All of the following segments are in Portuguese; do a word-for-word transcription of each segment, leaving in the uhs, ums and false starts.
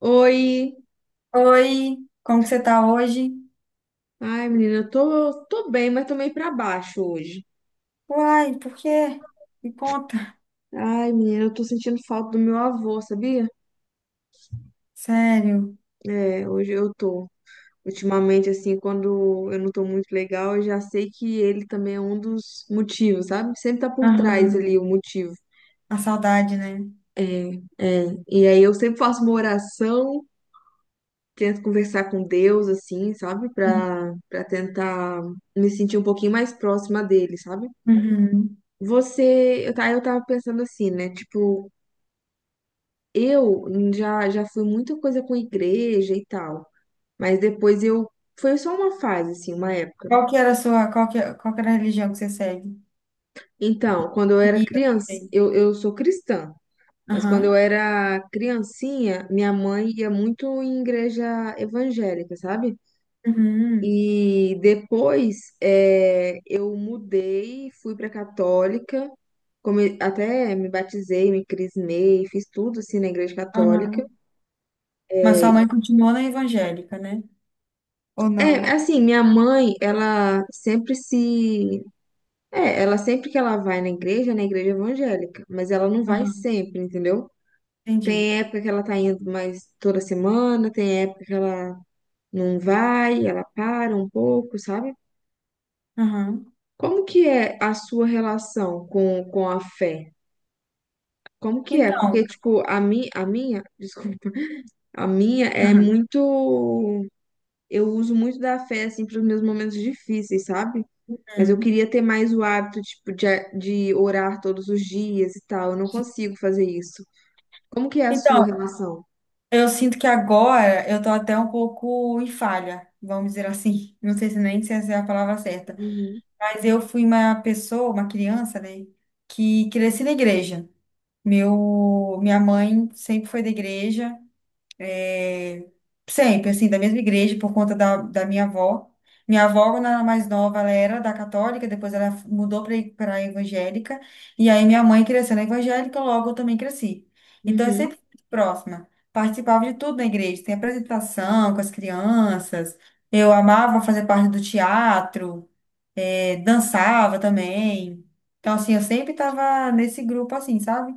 Oi. Oi, como que você tá hoje? Ai, menina, eu tô, tô bem, mas tô meio pra baixo hoje. Uai, por quê? Me conta. Ai, menina, eu tô sentindo falta do meu avô, sabia? Sério. É, hoje eu tô. Ultimamente, assim, quando eu não tô muito legal, eu já sei que ele também é um dos motivos, sabe? Sempre tá por trás Aham. ali o motivo. A saudade, né? É, é. E aí eu sempre faço uma oração, tento conversar com Deus, assim, sabe? Uhum. Pra, pra tentar me sentir um pouquinho mais próxima dele, sabe? Uhum. Você, eu, tá, eu tava pensando assim, né? Tipo, eu já, já fui muita coisa com igreja e tal, mas depois eu. Foi só uma fase, assim, uma época. Qual que era a sua, qual que, qual que era a religião que você segue? Então, quando eu era Seguia, criança, sei. eu, eu sou cristã, mas quando eu Aham. era criancinha, minha mãe ia muito em igreja evangélica, sabe? Uhum. E depois eh, eu mudei, fui pra católica, come- até me batizei, me crismei, fiz tudo assim na igreja católica. Aham. Mas sua Eh, mãe continuou na evangélica, né? Ou é, não? assim, minha mãe, ela sempre se. É, ela sempre que ela vai na igreja, é na igreja evangélica, mas ela não vai Aham. sempre, entendeu? Entendi. Tem época que ela tá indo mais toda semana, tem época que ela não vai, ela para um pouco, sabe? Aham. Como que é a sua relação com, com a fé? Como que é? Porque, Então. tipo, a, mi, a minha, desculpa, a minha é Uhum. muito. Eu uso muito da fé, assim, para os meus momentos difíceis, sabe? Mas eu Uhum. queria ter mais o hábito, tipo, de, a- de orar todos os dias e tal. Eu não consigo fazer isso. Como que é a sua Então, relação? eu sinto que agora eu tô até um pouco em falha, vamos dizer assim. Não sei se nem se essa é a palavra certa. Uhum. Mas eu fui uma pessoa, uma criança, né, que cresci na igreja. Meu, minha mãe sempre foi da igreja, é, sempre, assim, da mesma igreja, por conta da, da minha avó. Minha avó, quando ela era mais nova, ela era da católica, depois ela mudou para a evangélica, e aí minha mãe cresceu na evangélica, logo eu também cresci. Então, eu Uhum. sempre fui próxima, participava de tudo na igreja, tem apresentação com as crianças, eu amava fazer parte do teatro, eh, dançava também. Então, assim, eu sempre tava nesse grupo, assim, sabe?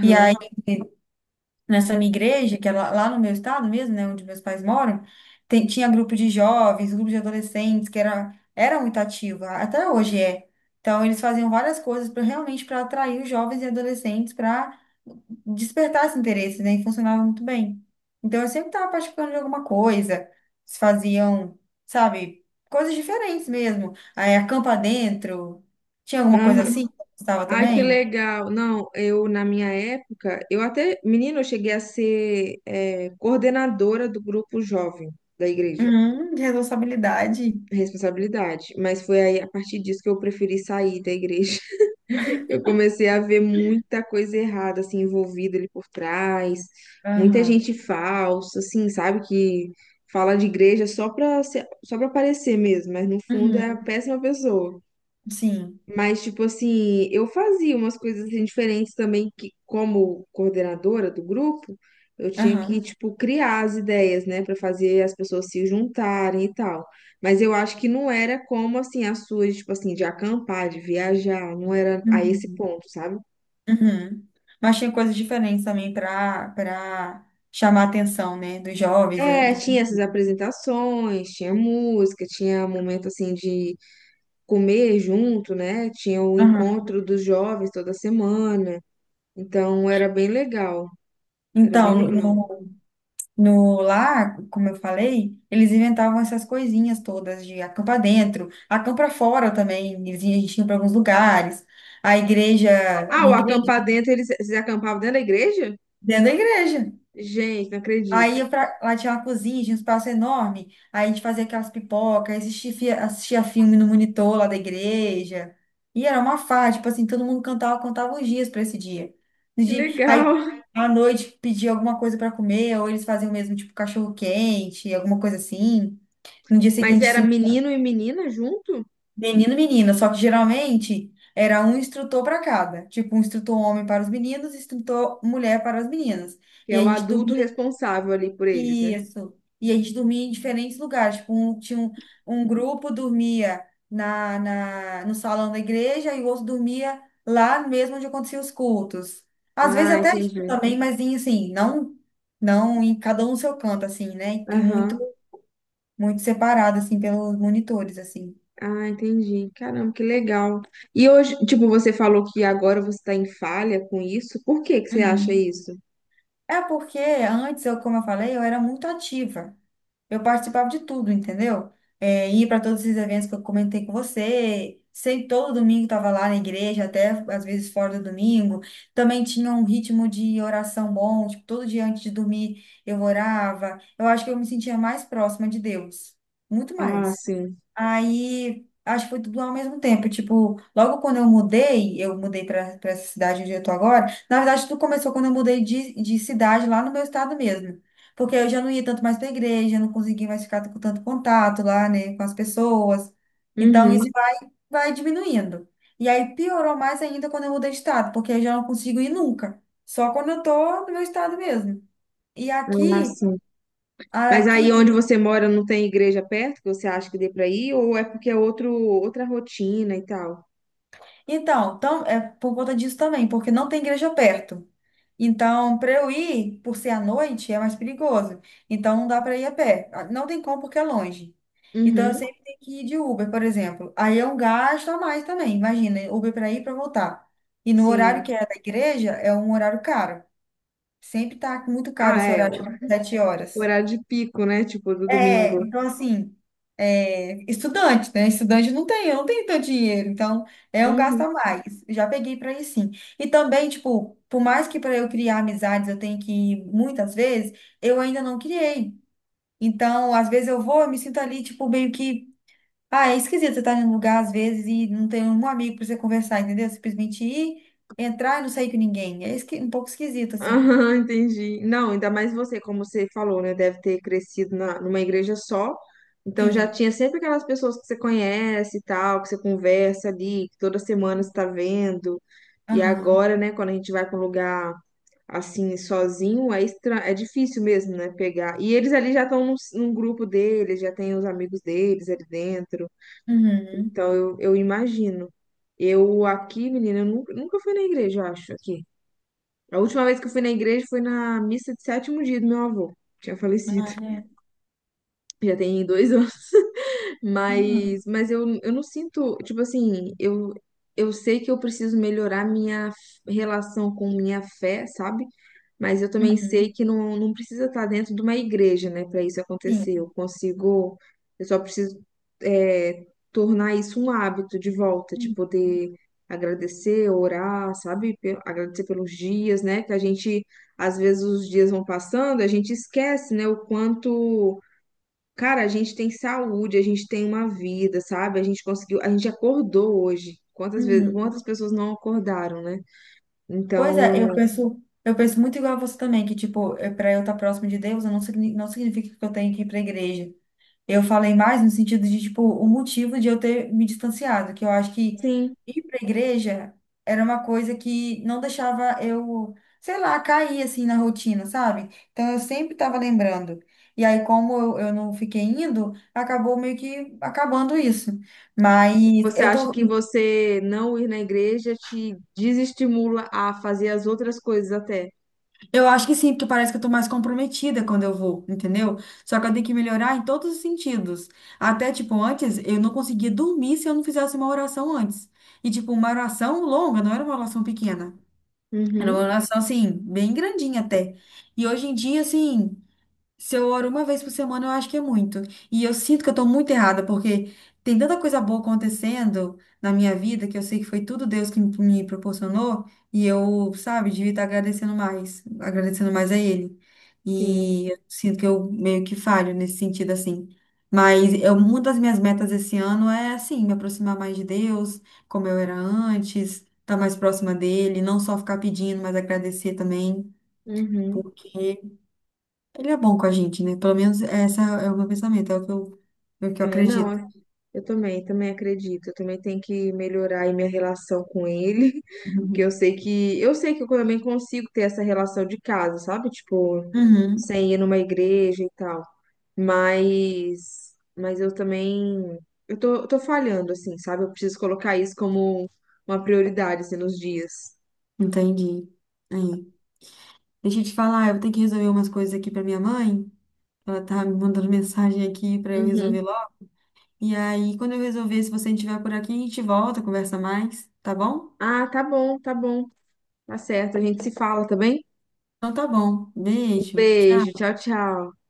E aí, nessa minha igreja, que é lá, lá no meu estado mesmo, né, onde meus pais moram, tem- tinha grupo de jovens, grupo de adolescentes, que era, era muito ativa, até hoje é. Então, eles faziam várias coisas para realmente para atrair os jovens e adolescentes para despertar esse interesse, né, e funcionava muito bem. Então, eu sempre estava participando de alguma coisa, eles faziam, sabe, coisas diferentes mesmo. Aí, acampa dentro, tinha alguma coisa Aham. assim que eu gostava Ai, que também? legal. Não, eu, na minha época, eu até, menina, eu cheguei a ser, é, coordenadora do grupo jovem da igreja. Hum, de responsabilidade. Responsabilidade. Mas foi aí, a partir disso, que eu preferi sair da igreja. Eu comecei a ver muita coisa errada, assim, envolvida ali por trás, muita Aham. gente falsa, assim, sabe, que fala de igreja só pra, ser- só pra aparecer mesmo, mas no fundo é a Uhum. péssima pessoa. Sim. Mas, tipo assim, eu fazia umas coisas assim, diferentes também, que como coordenadora do grupo, eu tinha que, Aham. tipo, criar as ideias, né, pra fazer as pessoas se juntarem e tal. Mas eu acho que não era como, assim, as suas, tipo assim, de acampar, de viajar, não era a esse Uhum. ponto, sabe? Uhum. Mas tinha coisas diferentes também para para chamar a atenção, né, dos jovens, né, É, do- tinha essas apresentações, tinha música, tinha momento assim de comer junto, né? Tinha o Aham. encontro dos jovens toda semana. Então era bem legal, era bem Então, legal. no, no lá, como eu falei, eles inventavam essas coisinhas todas de acampar dentro, acampar fora também. Eles iam- a gente ia para alguns lugares. A igreja, Ah, o minha igreja, acampar dentro, eles, eles acampavam dentro da igreja? dentro da igreja. Gente, não Aí acredito. eu pra- lá tinha uma cozinha, tinha um espaço enorme. Aí a gente fazia aquelas pipocas, assistia, fi- assistia filme no monitor lá da igreja. E era uma farra, tipo assim, todo mundo cantava, contava os dias para esse dia. No Que dia- Aí legal. à noite pedia alguma coisa para comer, ou eles faziam mesmo, tipo, cachorro quente, alguma coisa assim. No dia Mas seguinte, era sim, menino e menina junto? menino, menina. Só que geralmente era um instrutor para cada. Tipo, um instrutor homem para os meninos, instrutor mulher para as meninas. Que E é a o gente adulto dormia responsável ali por eles, né? Isso. E a gente dormia em diferentes lugares. Tipo, um, tinha um, um grupo dormia na, na, no salão da igreja e o outro dormia lá mesmo onde aconteciam os cultos. Às vezes Ah, até junto entendi. também, mas em, assim, não, não em cada um no seu canto, assim, né? E muito, Aham. muito separado, assim, pelos monitores, assim. Ah, entendi. Caramba, que legal. E hoje, tipo, você falou que agora você está em falha com isso. Por que que você acha Uhum. isso? É porque antes, eu, como eu falei, eu era muito ativa. Eu participava de tudo, entendeu? É, ia para todos esses eventos que eu comentei com você. Sei, todo domingo estava lá na igreja, até às vezes fora do domingo. Também tinha um ritmo de oração bom, tipo, todo dia antes de dormir eu orava. Eu acho que eu me sentia mais próxima de Deus, muito Ah, mais. sim. Aí, acho que foi tudo ao mesmo tempo. Tipo, logo quando eu mudei, eu mudei para essa cidade onde eu tô agora. Na verdade, tudo começou quando eu mudei de, de cidade lá no meu estado mesmo. Porque eu já não ia tanto mais pra igreja, não conseguia mais ficar com tanto contato lá, né, com as pessoas. Então, Uhum. isso vai, vai diminuindo. E aí piorou mais ainda quando eu mudei de estado, porque eu já não consigo ir nunca. Só quando eu tô no meu estado mesmo. E Ah, aqui, sim. a Mas aqui aí onde você mora não tem igreja perto que você acha que dê para ir? Ou é porque é outro, outra rotina e tal? Então, tam- é por conta disso também, porque não tem igreja perto. Então, para eu ir, por ser à noite, é mais perigoso. Então, não dá para ir a pé. Ah, não tem como porque é longe. Então, eu Uhum. sempre tenho que ir de Uber, por exemplo. Aí é um gasto a mais também. Imagina, Uber para ir e para voltar. E no Sim. horário que é da igreja, é um horário caro. Sempre tá muito caro Ah, esse é. horário, O de sete horas. horário de pico, né? Tipo, do É, domingo. então assim, é, estudante, né? Estudante não tem, eu não tenho tanto dinheiro, então é um gasto Uhum. a mais. Já peguei para ir sim. E também, tipo, por mais que para eu criar amizades eu tenho que ir muitas vezes, eu ainda não criei. Então, às vezes eu vou, eu me sinto ali, tipo, meio que. Ah, é esquisito você estar em um lugar às vezes e não ter um amigo para você conversar, entendeu? Simplesmente ir, entrar e não sair com ninguém. É esqui- um pouco esquisito, assim. Aham, entendi. Não, ainda mais você, como você falou, né? Deve ter crescido na, numa igreja só. Então já Sim. tinha sempre aquelas pessoas que você conhece e tal, que você conversa ali, que toda semana você tá vendo. E Aham. agora, né, quando a gente vai para um lugar assim, sozinho, é estra... é difícil mesmo, né, pegar. E eles ali já estão num, num grupo deles, já tem os amigos deles ali dentro. Uhum. Então eu, eu imagino. Eu aqui, menina, eu nunca, nunca fui na igreja, eu acho, aqui. A última vez que eu fui na igreja foi na missa de sétimo dia do meu avô. Tinha falecido. Ah, é. Já tem dois anos. Uhum. Mas, mas eu, eu não sinto, tipo assim, eu, eu sei que eu preciso melhorar minha f- relação com minha fé, sabe? Mas eu também sei Uhum. que não, não precisa estar dentro de uma igreja, né, para isso acontecer. Eu Sim. consigo, eu só preciso, é, tornar isso um hábito de volta, de Uhum. poder agradecer, orar, sabe? Pe- Agradecer pelos dias, né? Que a gente, às vezes, os dias vão passando, a gente esquece, né, o quanto. Cara, a gente tem saúde, a gente tem uma vida, sabe? A gente conseguiu, a gente acordou hoje. Quantas vezes, quantas pessoas não acordaram, né? Pois é, Então, eu penso, eu penso muito igual a você também, que tipo, para eu estar próximo de Deus, eu não, signi- não significa que eu tenho que ir para a igreja. Eu falei mais no sentido de tipo, o motivo de eu ter me distanciado, que eu acho que sim, ir para a igreja era uma coisa que não deixava eu, sei lá, cair assim na rotina, sabe? Então eu sempre estava lembrando. E aí, como eu, eu não fiquei indo, acabou meio que acabando isso. Mas você eu acha tô que você não ir na igreja te desestimula a fazer as outras coisas até? Eu acho que sim, porque parece que eu tô mais comprometida quando eu vou, entendeu? Só que eu tenho que melhorar em todos os sentidos. Até, tipo, antes eu não conseguia dormir se eu não fizesse uma oração antes. E, tipo, uma oração longa, não era uma oração pequena. Era uma Uhum, oração, assim, bem grandinha até. E hoje em dia, assim. Se eu oro uma vez por semana, eu acho que é muito. E eu sinto que eu tô muito errada, porque tem tanta coisa boa acontecendo na minha vida que eu sei que foi tudo Deus que me me proporcionou. E eu, sabe, devia estar agradecendo mais, agradecendo mais a Ele. sim. E eu sinto que eu meio que falho nesse sentido, assim. Mas eu, uma das minhas metas esse ano é, assim, me aproximar mais de Deus, como eu era antes, estar mais próxima dele, não só ficar pedindo, mas agradecer também. Uhum. Porque ele é bom com a gente, né? Pelo menos essa é o meu pensamento, é o que eu, é o que eu É, acredito. não, eu também, também acredito. Eu também tenho que melhorar aí minha relação com ele, que eu Uhum. sei que eu sei que eu também consigo ter essa relação de casa, sabe? Tipo, Uhum, sem ir numa igreja e tal. Mas, mas eu também, eu tô, eu tô falhando, assim, sabe? Eu preciso colocar isso como uma prioridade, assim, nos dias. entendi. Aí. Deixa eu te falar, eu vou ter que resolver umas coisas aqui pra minha mãe. Ela tá me mandando mensagem aqui pra eu resolver Uhum. logo. E aí, quando eu resolver, se você estiver por aqui, a gente volta, conversa mais, tá bom? Ah, tá bom, tá bom. Tá certo, a gente se fala, tá bem? Então tá bom. Um Beijo. beijo, Tchau. tchau, tchau.